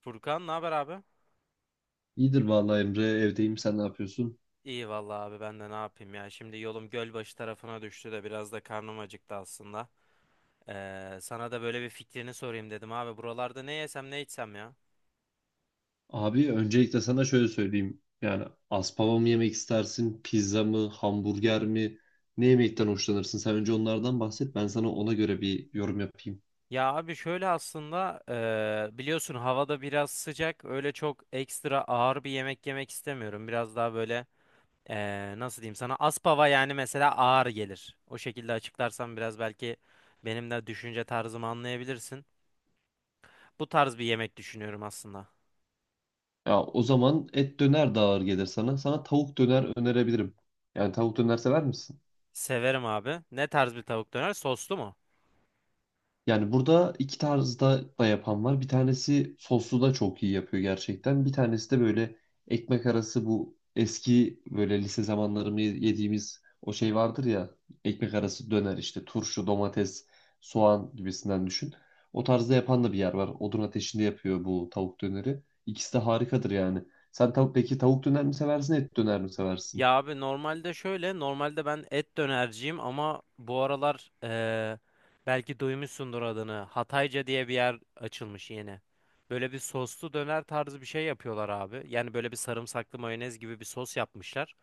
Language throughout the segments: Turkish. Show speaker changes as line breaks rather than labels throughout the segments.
Furkan, ne haber abi?
İyidir vallahi Emre, evdeyim, sen ne yapıyorsun?
İyi vallahi abi, ben de ne yapayım ya. Şimdi yolum Gölbaşı tarafına düştü de biraz da karnım acıktı aslında. Sana da böyle bir fikrini sorayım dedim abi. Buralarda ne yesem ne içsem ya?
Abi öncelikle sana şöyle söyleyeyim. Yani aspava mı yemek istersin? Pizza mı? Hamburger mi? Ne yemekten hoşlanırsın? Sen önce onlardan bahset. Ben sana ona göre bir yorum yapayım.
Ya abi şöyle aslında biliyorsun havada biraz sıcak. Öyle çok ekstra ağır bir yemek yemek istemiyorum. Biraz daha böyle nasıl diyeyim sana, Aspava yani mesela ağır gelir. O şekilde açıklarsam biraz belki benim de düşünce tarzımı anlayabilirsin. Bu tarz bir yemek düşünüyorum aslında.
Ya o zaman et döner de ağır gelir sana. Sana tavuk döner önerebilirim. Yani tavuk döner sever misin?
Severim abi. Ne tarz bir tavuk döner? Soslu mu?
Yani burada iki tarzda da yapan var. Bir tanesi soslu da çok iyi yapıyor gerçekten. Bir tanesi de böyle ekmek arası, bu eski böyle lise zamanlarımı yediğimiz o şey vardır ya. Ekmek arası döner işte, turşu, domates, soğan gibisinden düşün. O tarzda yapan da bir yer var. Odun ateşinde yapıyor bu tavuk döneri. İkisi de harikadır yani. Sen tavuk Peki tavuk döner mi seversin, et döner mi seversin?
Ya abi normalde şöyle, normalde ben et dönerciyim ama bu aralar belki duymuşsundur adını. Hatayca diye bir yer açılmış yeni. Böyle bir soslu döner tarzı bir şey yapıyorlar abi. Yani böyle bir sarımsaklı mayonez gibi bir sos yapmışlar.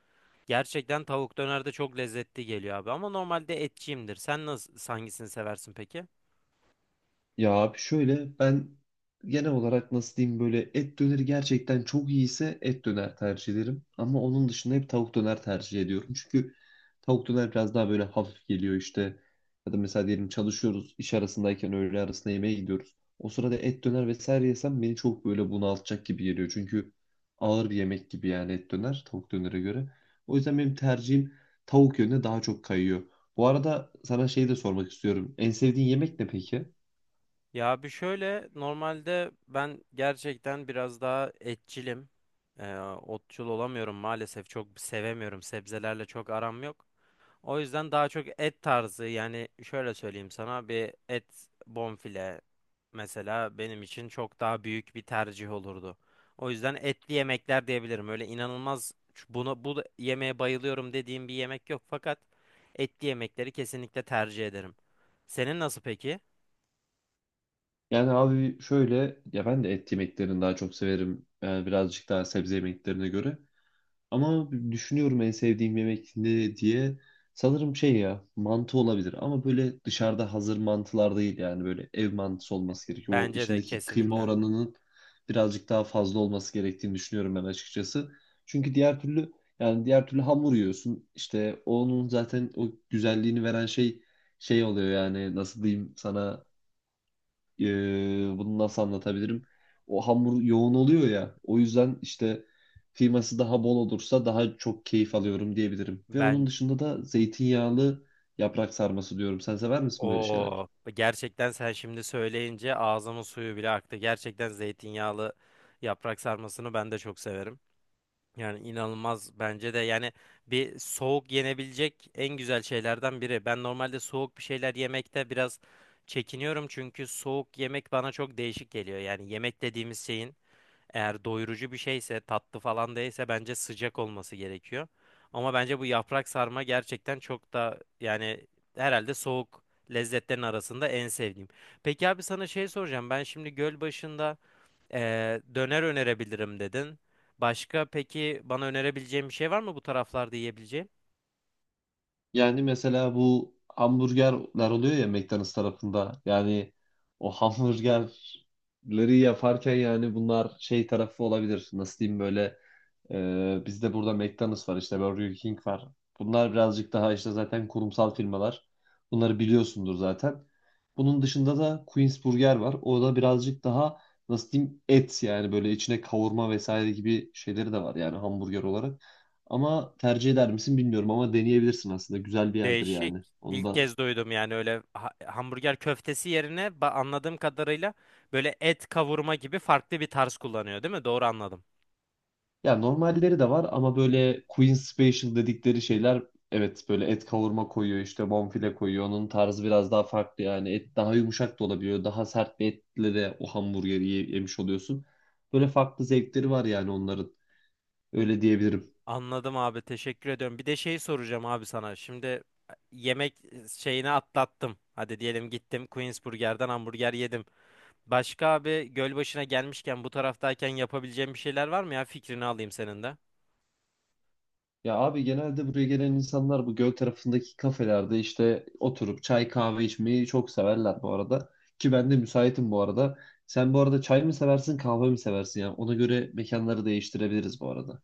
Gerçekten tavuk döner de çok lezzetli geliyor abi, ama normalde etçiyimdir. Sen nasıl, hangisini seversin peki?
Ya abi şöyle, ben genel olarak nasıl diyeyim, böyle et döneri gerçekten çok iyiyse et döner tercih ederim. Ama onun dışında hep tavuk döner tercih ediyorum. Çünkü tavuk döner biraz daha böyle hafif geliyor işte. Ya da mesela diyelim çalışıyoruz, iş arasındayken öğle arasında yemeğe gidiyoruz. O sırada et döner vesaire yesem beni çok böyle bunaltacak gibi geliyor. Çünkü ağır bir yemek gibi yani et döner tavuk dönere göre. O yüzden benim tercihim tavuk yönüne daha çok kayıyor. Bu arada sana şey de sormak istiyorum. En sevdiğin yemek ne peki?
Ya bir şöyle, normalde ben gerçekten biraz daha etçilim. Ee, Otçul olamıyorum maalesef, çok sevemiyorum, sebzelerle çok aram yok. O yüzden daha çok et tarzı, yani şöyle söyleyeyim sana, bir et bonfile mesela benim için çok daha büyük bir tercih olurdu. O yüzden etli yemekler diyebilirim. Öyle inanılmaz yemeğe bayılıyorum dediğim bir yemek yok, fakat etli yemekleri kesinlikle tercih ederim. Senin nasıl peki?
Yani abi şöyle, ya ben de et yemeklerini daha çok severim. Yani birazcık daha sebze yemeklerine göre. Ama düşünüyorum en sevdiğim yemek ne diye. Sanırım şey ya, mantı olabilir ama böyle dışarıda hazır mantılar değil, yani böyle ev mantısı olması gerekiyor. O
Bence de
içindeki kıyma
kesinlikle.
oranının birazcık daha fazla olması gerektiğini düşünüyorum ben açıkçası. Çünkü diğer türlü, yani diğer türlü hamur yiyorsun. İşte onun zaten o güzelliğini veren şey oluyor yani. Nasıl diyeyim sana, bunu nasıl anlatabilirim? O hamur yoğun oluyor ya. O yüzden işte kıyması daha bol olursa daha çok keyif alıyorum diyebilirim. Ve
Ben
onun dışında da zeytinyağlı yaprak sarması diyorum. Sen sever misin böyle şeyler?
o, gerçekten sen şimdi söyleyince ağzımın suyu bile aktı. Gerçekten zeytinyağlı yaprak sarmasını ben de çok severim. Yani inanılmaz, bence de yani bir soğuk yenebilecek en güzel şeylerden biri. Ben normalde soğuk bir şeyler yemekte biraz çekiniyorum, çünkü soğuk yemek bana çok değişik geliyor. Yani yemek dediğimiz şeyin eğer doyurucu bir şeyse, tatlı falan değilse bence sıcak olması gerekiyor. Ama bence bu yaprak sarma gerçekten çok da yani herhalde soğuk lezzetlerin arasında en sevdiğim. Peki abi, sana şey soracağım. Ben şimdi göl başında döner önerebilirim dedin. Başka peki bana önerebileceğim bir şey var mı bu taraflarda yiyebileceğim?
Yani mesela bu hamburgerler oluyor ya, McDonald's tarafında. Yani o hamburgerleri yaparken yani bunlar şey tarafı olabilir. Nasıl diyeyim böyle. Bizde burada McDonald's var, işte Burger King var. Bunlar birazcık daha işte zaten kurumsal firmalar. Bunları biliyorsundur zaten. Bunun dışında da Queen's Burger var. O da birazcık daha, nasıl diyeyim, et yani böyle içine kavurma vesaire gibi şeyleri de var yani hamburger olarak. Ama tercih eder misin bilmiyorum ama deneyebilirsin aslında. Güzel bir yerdir
Değişik.
yani. Onu
İlk
da...
kez duydum yani, öyle hamburger köftesi yerine anladığım kadarıyla böyle et kavurma gibi farklı bir tarz kullanıyor, değil mi? Doğru anladım.
Ya normalleri de var ama böyle Queen Special dedikleri şeyler, evet böyle et kavurma koyuyor, işte bonfile koyuyor. Onun tarzı biraz daha farklı yani, et daha yumuşak da olabiliyor. Daha sert bir etle de o hamburgeri yemiş oluyorsun. Böyle farklı zevkleri var yani onların, öyle diyebilirim.
Anladım abi, teşekkür ediyorum. Bir de şey soracağım abi sana. Şimdi yemek şeyini atlattım. Hadi diyelim gittim Queens Burger'den hamburger yedim. Başka abi, Gölbaşı'na gelmişken bu taraftayken yapabileceğim bir şeyler var mı ya? Fikrini alayım senin de.
Ya abi genelde buraya gelen insanlar bu göl tarafındaki kafelerde işte oturup çay kahve içmeyi çok severler bu arada. Ki ben de müsaitim bu arada. Sen bu arada çay mı seversin, kahve mi seversin ya? Ona göre mekanları değiştirebiliriz bu arada.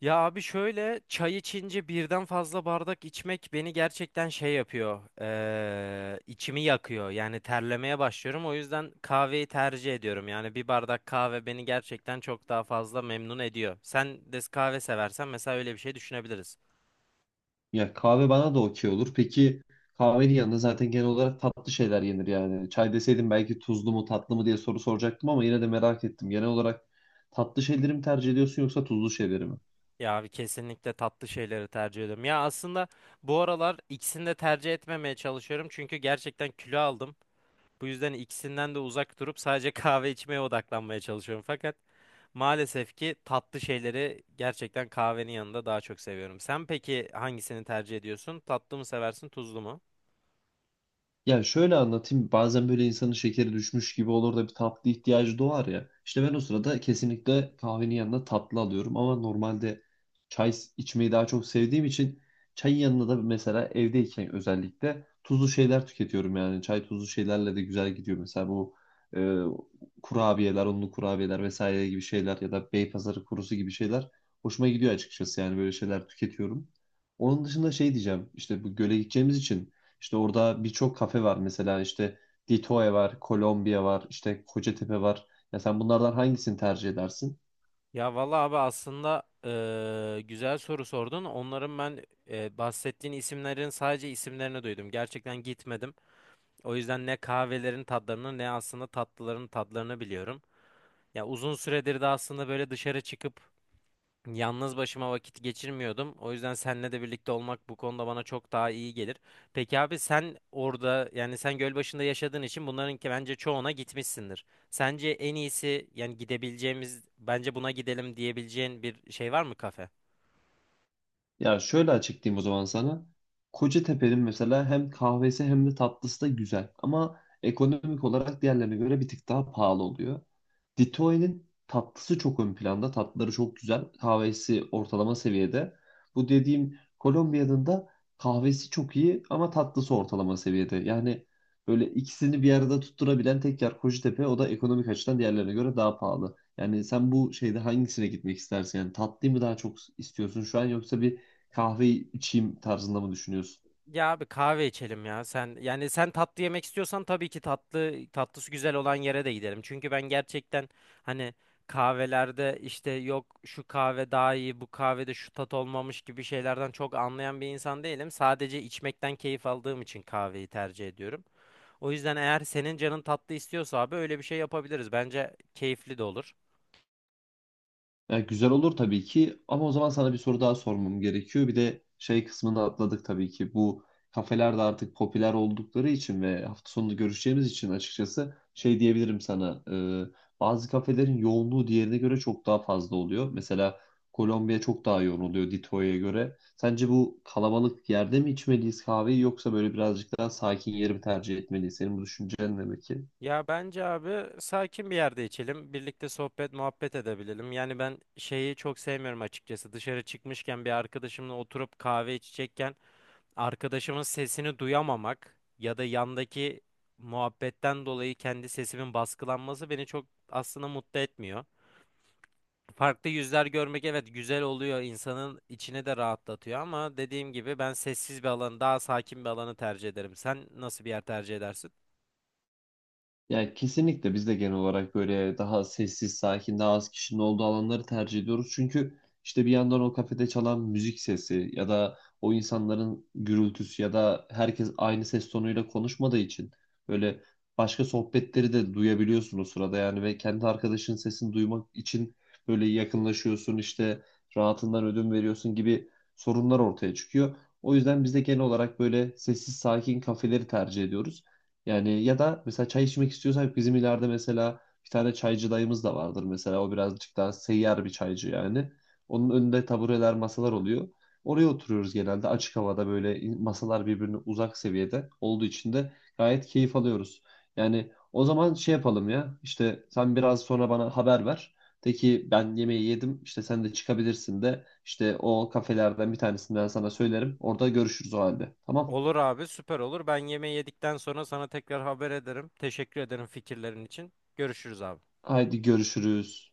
Ya abi şöyle, çay içince birden fazla bardak içmek beni gerçekten şey yapıyor. İçimi yakıyor. Yani terlemeye başlıyorum. O yüzden kahveyi tercih ediyorum. Yani bir bardak kahve beni gerçekten çok daha fazla memnun ediyor. Sen de kahve seversen mesela öyle bir şey düşünebiliriz.
Ya, kahve bana da okey olur. Peki, kahvenin yanında zaten genel olarak tatlı şeyler yenir yani. Çay deseydim belki tuzlu mu tatlı mı diye soru soracaktım ama yine de merak ettim. Genel olarak tatlı şeyleri mi tercih ediyorsun yoksa tuzlu şeyleri mi?
Ya abi kesinlikle tatlı şeyleri tercih ediyorum. Ya aslında bu aralar ikisini de tercih etmemeye çalışıyorum. Çünkü gerçekten kilo aldım. Bu yüzden ikisinden de uzak durup sadece kahve içmeye odaklanmaya çalışıyorum. Fakat maalesef ki tatlı şeyleri gerçekten kahvenin yanında daha çok seviyorum. Sen peki hangisini tercih ediyorsun? Tatlı mı seversin, tuzlu mu?
Ya şöyle anlatayım. Bazen böyle insanın şekeri düşmüş gibi olur da bir tatlı ihtiyacı doğar ya. İşte ben o sırada kesinlikle kahvenin yanına tatlı alıyorum. Ama normalde çay içmeyi daha çok sevdiğim için çayın yanına da mesela evdeyken özellikle tuzlu şeyler tüketiyorum yani. Çay tuzlu şeylerle de güzel gidiyor. Mesela bu e, kurabiyeler, unlu kurabiyeler vesaire gibi şeyler ya da Beypazarı kurusu gibi şeyler hoşuma gidiyor açıkçası. Yani böyle şeyler tüketiyorum. Onun dışında şey diyeceğim. İşte bu göle gideceğimiz için işte orada birçok kafe var, mesela işte Ditoe var, Kolombiya var, işte Kocatepe var. Ya sen bunlardan hangisini tercih edersin?
Ya valla abi, aslında güzel soru sordun. Onların ben bahsettiğin isimlerin sadece isimlerini duydum. Gerçekten gitmedim. O yüzden ne kahvelerin tadlarını ne aslında tatlıların tadlarını biliyorum. Ya uzun süredir de aslında böyle dışarı çıkıp yalnız başıma vakit geçirmiyordum. O yüzden seninle de birlikte olmak bu konuda bana çok daha iyi gelir. Peki abi, sen orada, yani sen Gölbaşı'nda yaşadığın için bunların ki bence çoğuna gitmişsindir. Sence en iyisi, yani gidebileceğimiz bence buna gidelim diyebileceğin bir şey var mı kafe?
Ya şöyle açıklayayım o zaman sana. Kocatepe'nin mesela hem kahvesi hem de tatlısı da güzel. Ama ekonomik olarak diğerlerine göre bir tık daha pahalı oluyor. Ditoy'nin tatlısı çok ön planda. Tatlıları çok güzel. Kahvesi ortalama seviyede. Bu dediğim Kolombiya'nın da kahvesi çok iyi ama tatlısı ortalama seviyede. Yani böyle ikisini bir arada tutturabilen tek yer Kocatepe. O da ekonomik açıdan diğerlerine göre daha pahalı. Yani sen bu şeyde hangisine gitmek istersin? Yani tatlıyı mı daha çok istiyorsun şu an, yoksa bir kahve içeyim tarzında mı düşünüyorsun?
Ya abi kahve içelim ya. Sen, yani sen tatlı yemek istiyorsan tabii ki tatlı, tatlısı güzel olan yere de gidelim. Çünkü ben gerçekten hani kahvelerde işte yok şu kahve daha iyi, bu kahvede şu tat olmamış gibi şeylerden çok anlayan bir insan değilim. Sadece içmekten keyif aldığım için kahveyi tercih ediyorum. O yüzden eğer senin canın tatlı istiyorsa abi öyle bir şey yapabiliriz. Bence keyifli de olur.
Ya güzel olur tabii ki, ama o zaman sana bir soru daha sormam gerekiyor. Bir de şey kısmını da atladık tabii ki. Bu kafeler de artık popüler oldukları için ve hafta sonunu görüşeceğimiz için açıkçası şey diyebilirim sana. e, Bazı kafelerin yoğunluğu diğerine göre çok daha fazla oluyor. Mesela Kolombiya çok daha yoğun oluyor Dito'ya göre. Sence bu kalabalık yerde mi içmeliyiz kahveyi, yoksa böyle birazcık daha sakin yeri mi tercih etmeliyiz? Senin bu düşüncen ne peki?
Ya bence abi sakin bir yerde içelim. Birlikte sohbet, muhabbet edebilelim. Yani ben şeyi çok sevmiyorum açıkçası. Dışarı çıkmışken bir arkadaşımla oturup kahve içecekken arkadaşımın sesini duyamamak ya da yandaki muhabbetten dolayı kendi sesimin baskılanması beni çok aslında mutlu etmiyor. Farklı yüzler görmek evet güzel oluyor. İnsanın içini de rahatlatıyor ama dediğim gibi ben sessiz bir alanı, daha sakin bir alanı tercih ederim. Sen nasıl bir yer tercih edersin?
Yani kesinlikle biz de genel olarak böyle daha sessiz, sakin, daha az kişinin olduğu alanları tercih ediyoruz. Çünkü işte bir yandan o kafede çalan müzik sesi ya da o insanların gürültüsü ya da herkes aynı ses tonuyla konuşmadığı için böyle başka sohbetleri de duyabiliyorsun o sırada yani, ve kendi arkadaşının sesini duymak için böyle yakınlaşıyorsun, işte rahatından ödün veriyorsun gibi sorunlar ortaya çıkıyor. O yüzden biz de genel olarak böyle sessiz, sakin kafeleri tercih ediyoruz. Yani ya da mesela çay içmek istiyorsak bizim ileride mesela bir tane çaycı dayımız da vardır, mesela o birazcık daha seyyar bir çaycı yani. Onun önünde tabureler, masalar oluyor. Oraya oturuyoruz genelde açık havada, böyle masalar birbirine uzak seviyede olduğu için de gayet keyif alıyoruz. Yani o zaman şey yapalım ya, işte sen biraz sonra bana haber ver. De ki ben yemeği yedim, işte sen de çıkabilirsin, de işte o kafelerden bir tanesinden sana söylerim. Orada görüşürüz o halde. Tamam.
Olur abi, süper olur. Ben yemeği yedikten sonra sana tekrar haber ederim. Teşekkür ederim fikirlerin için. Görüşürüz abi.
Haydi görüşürüz.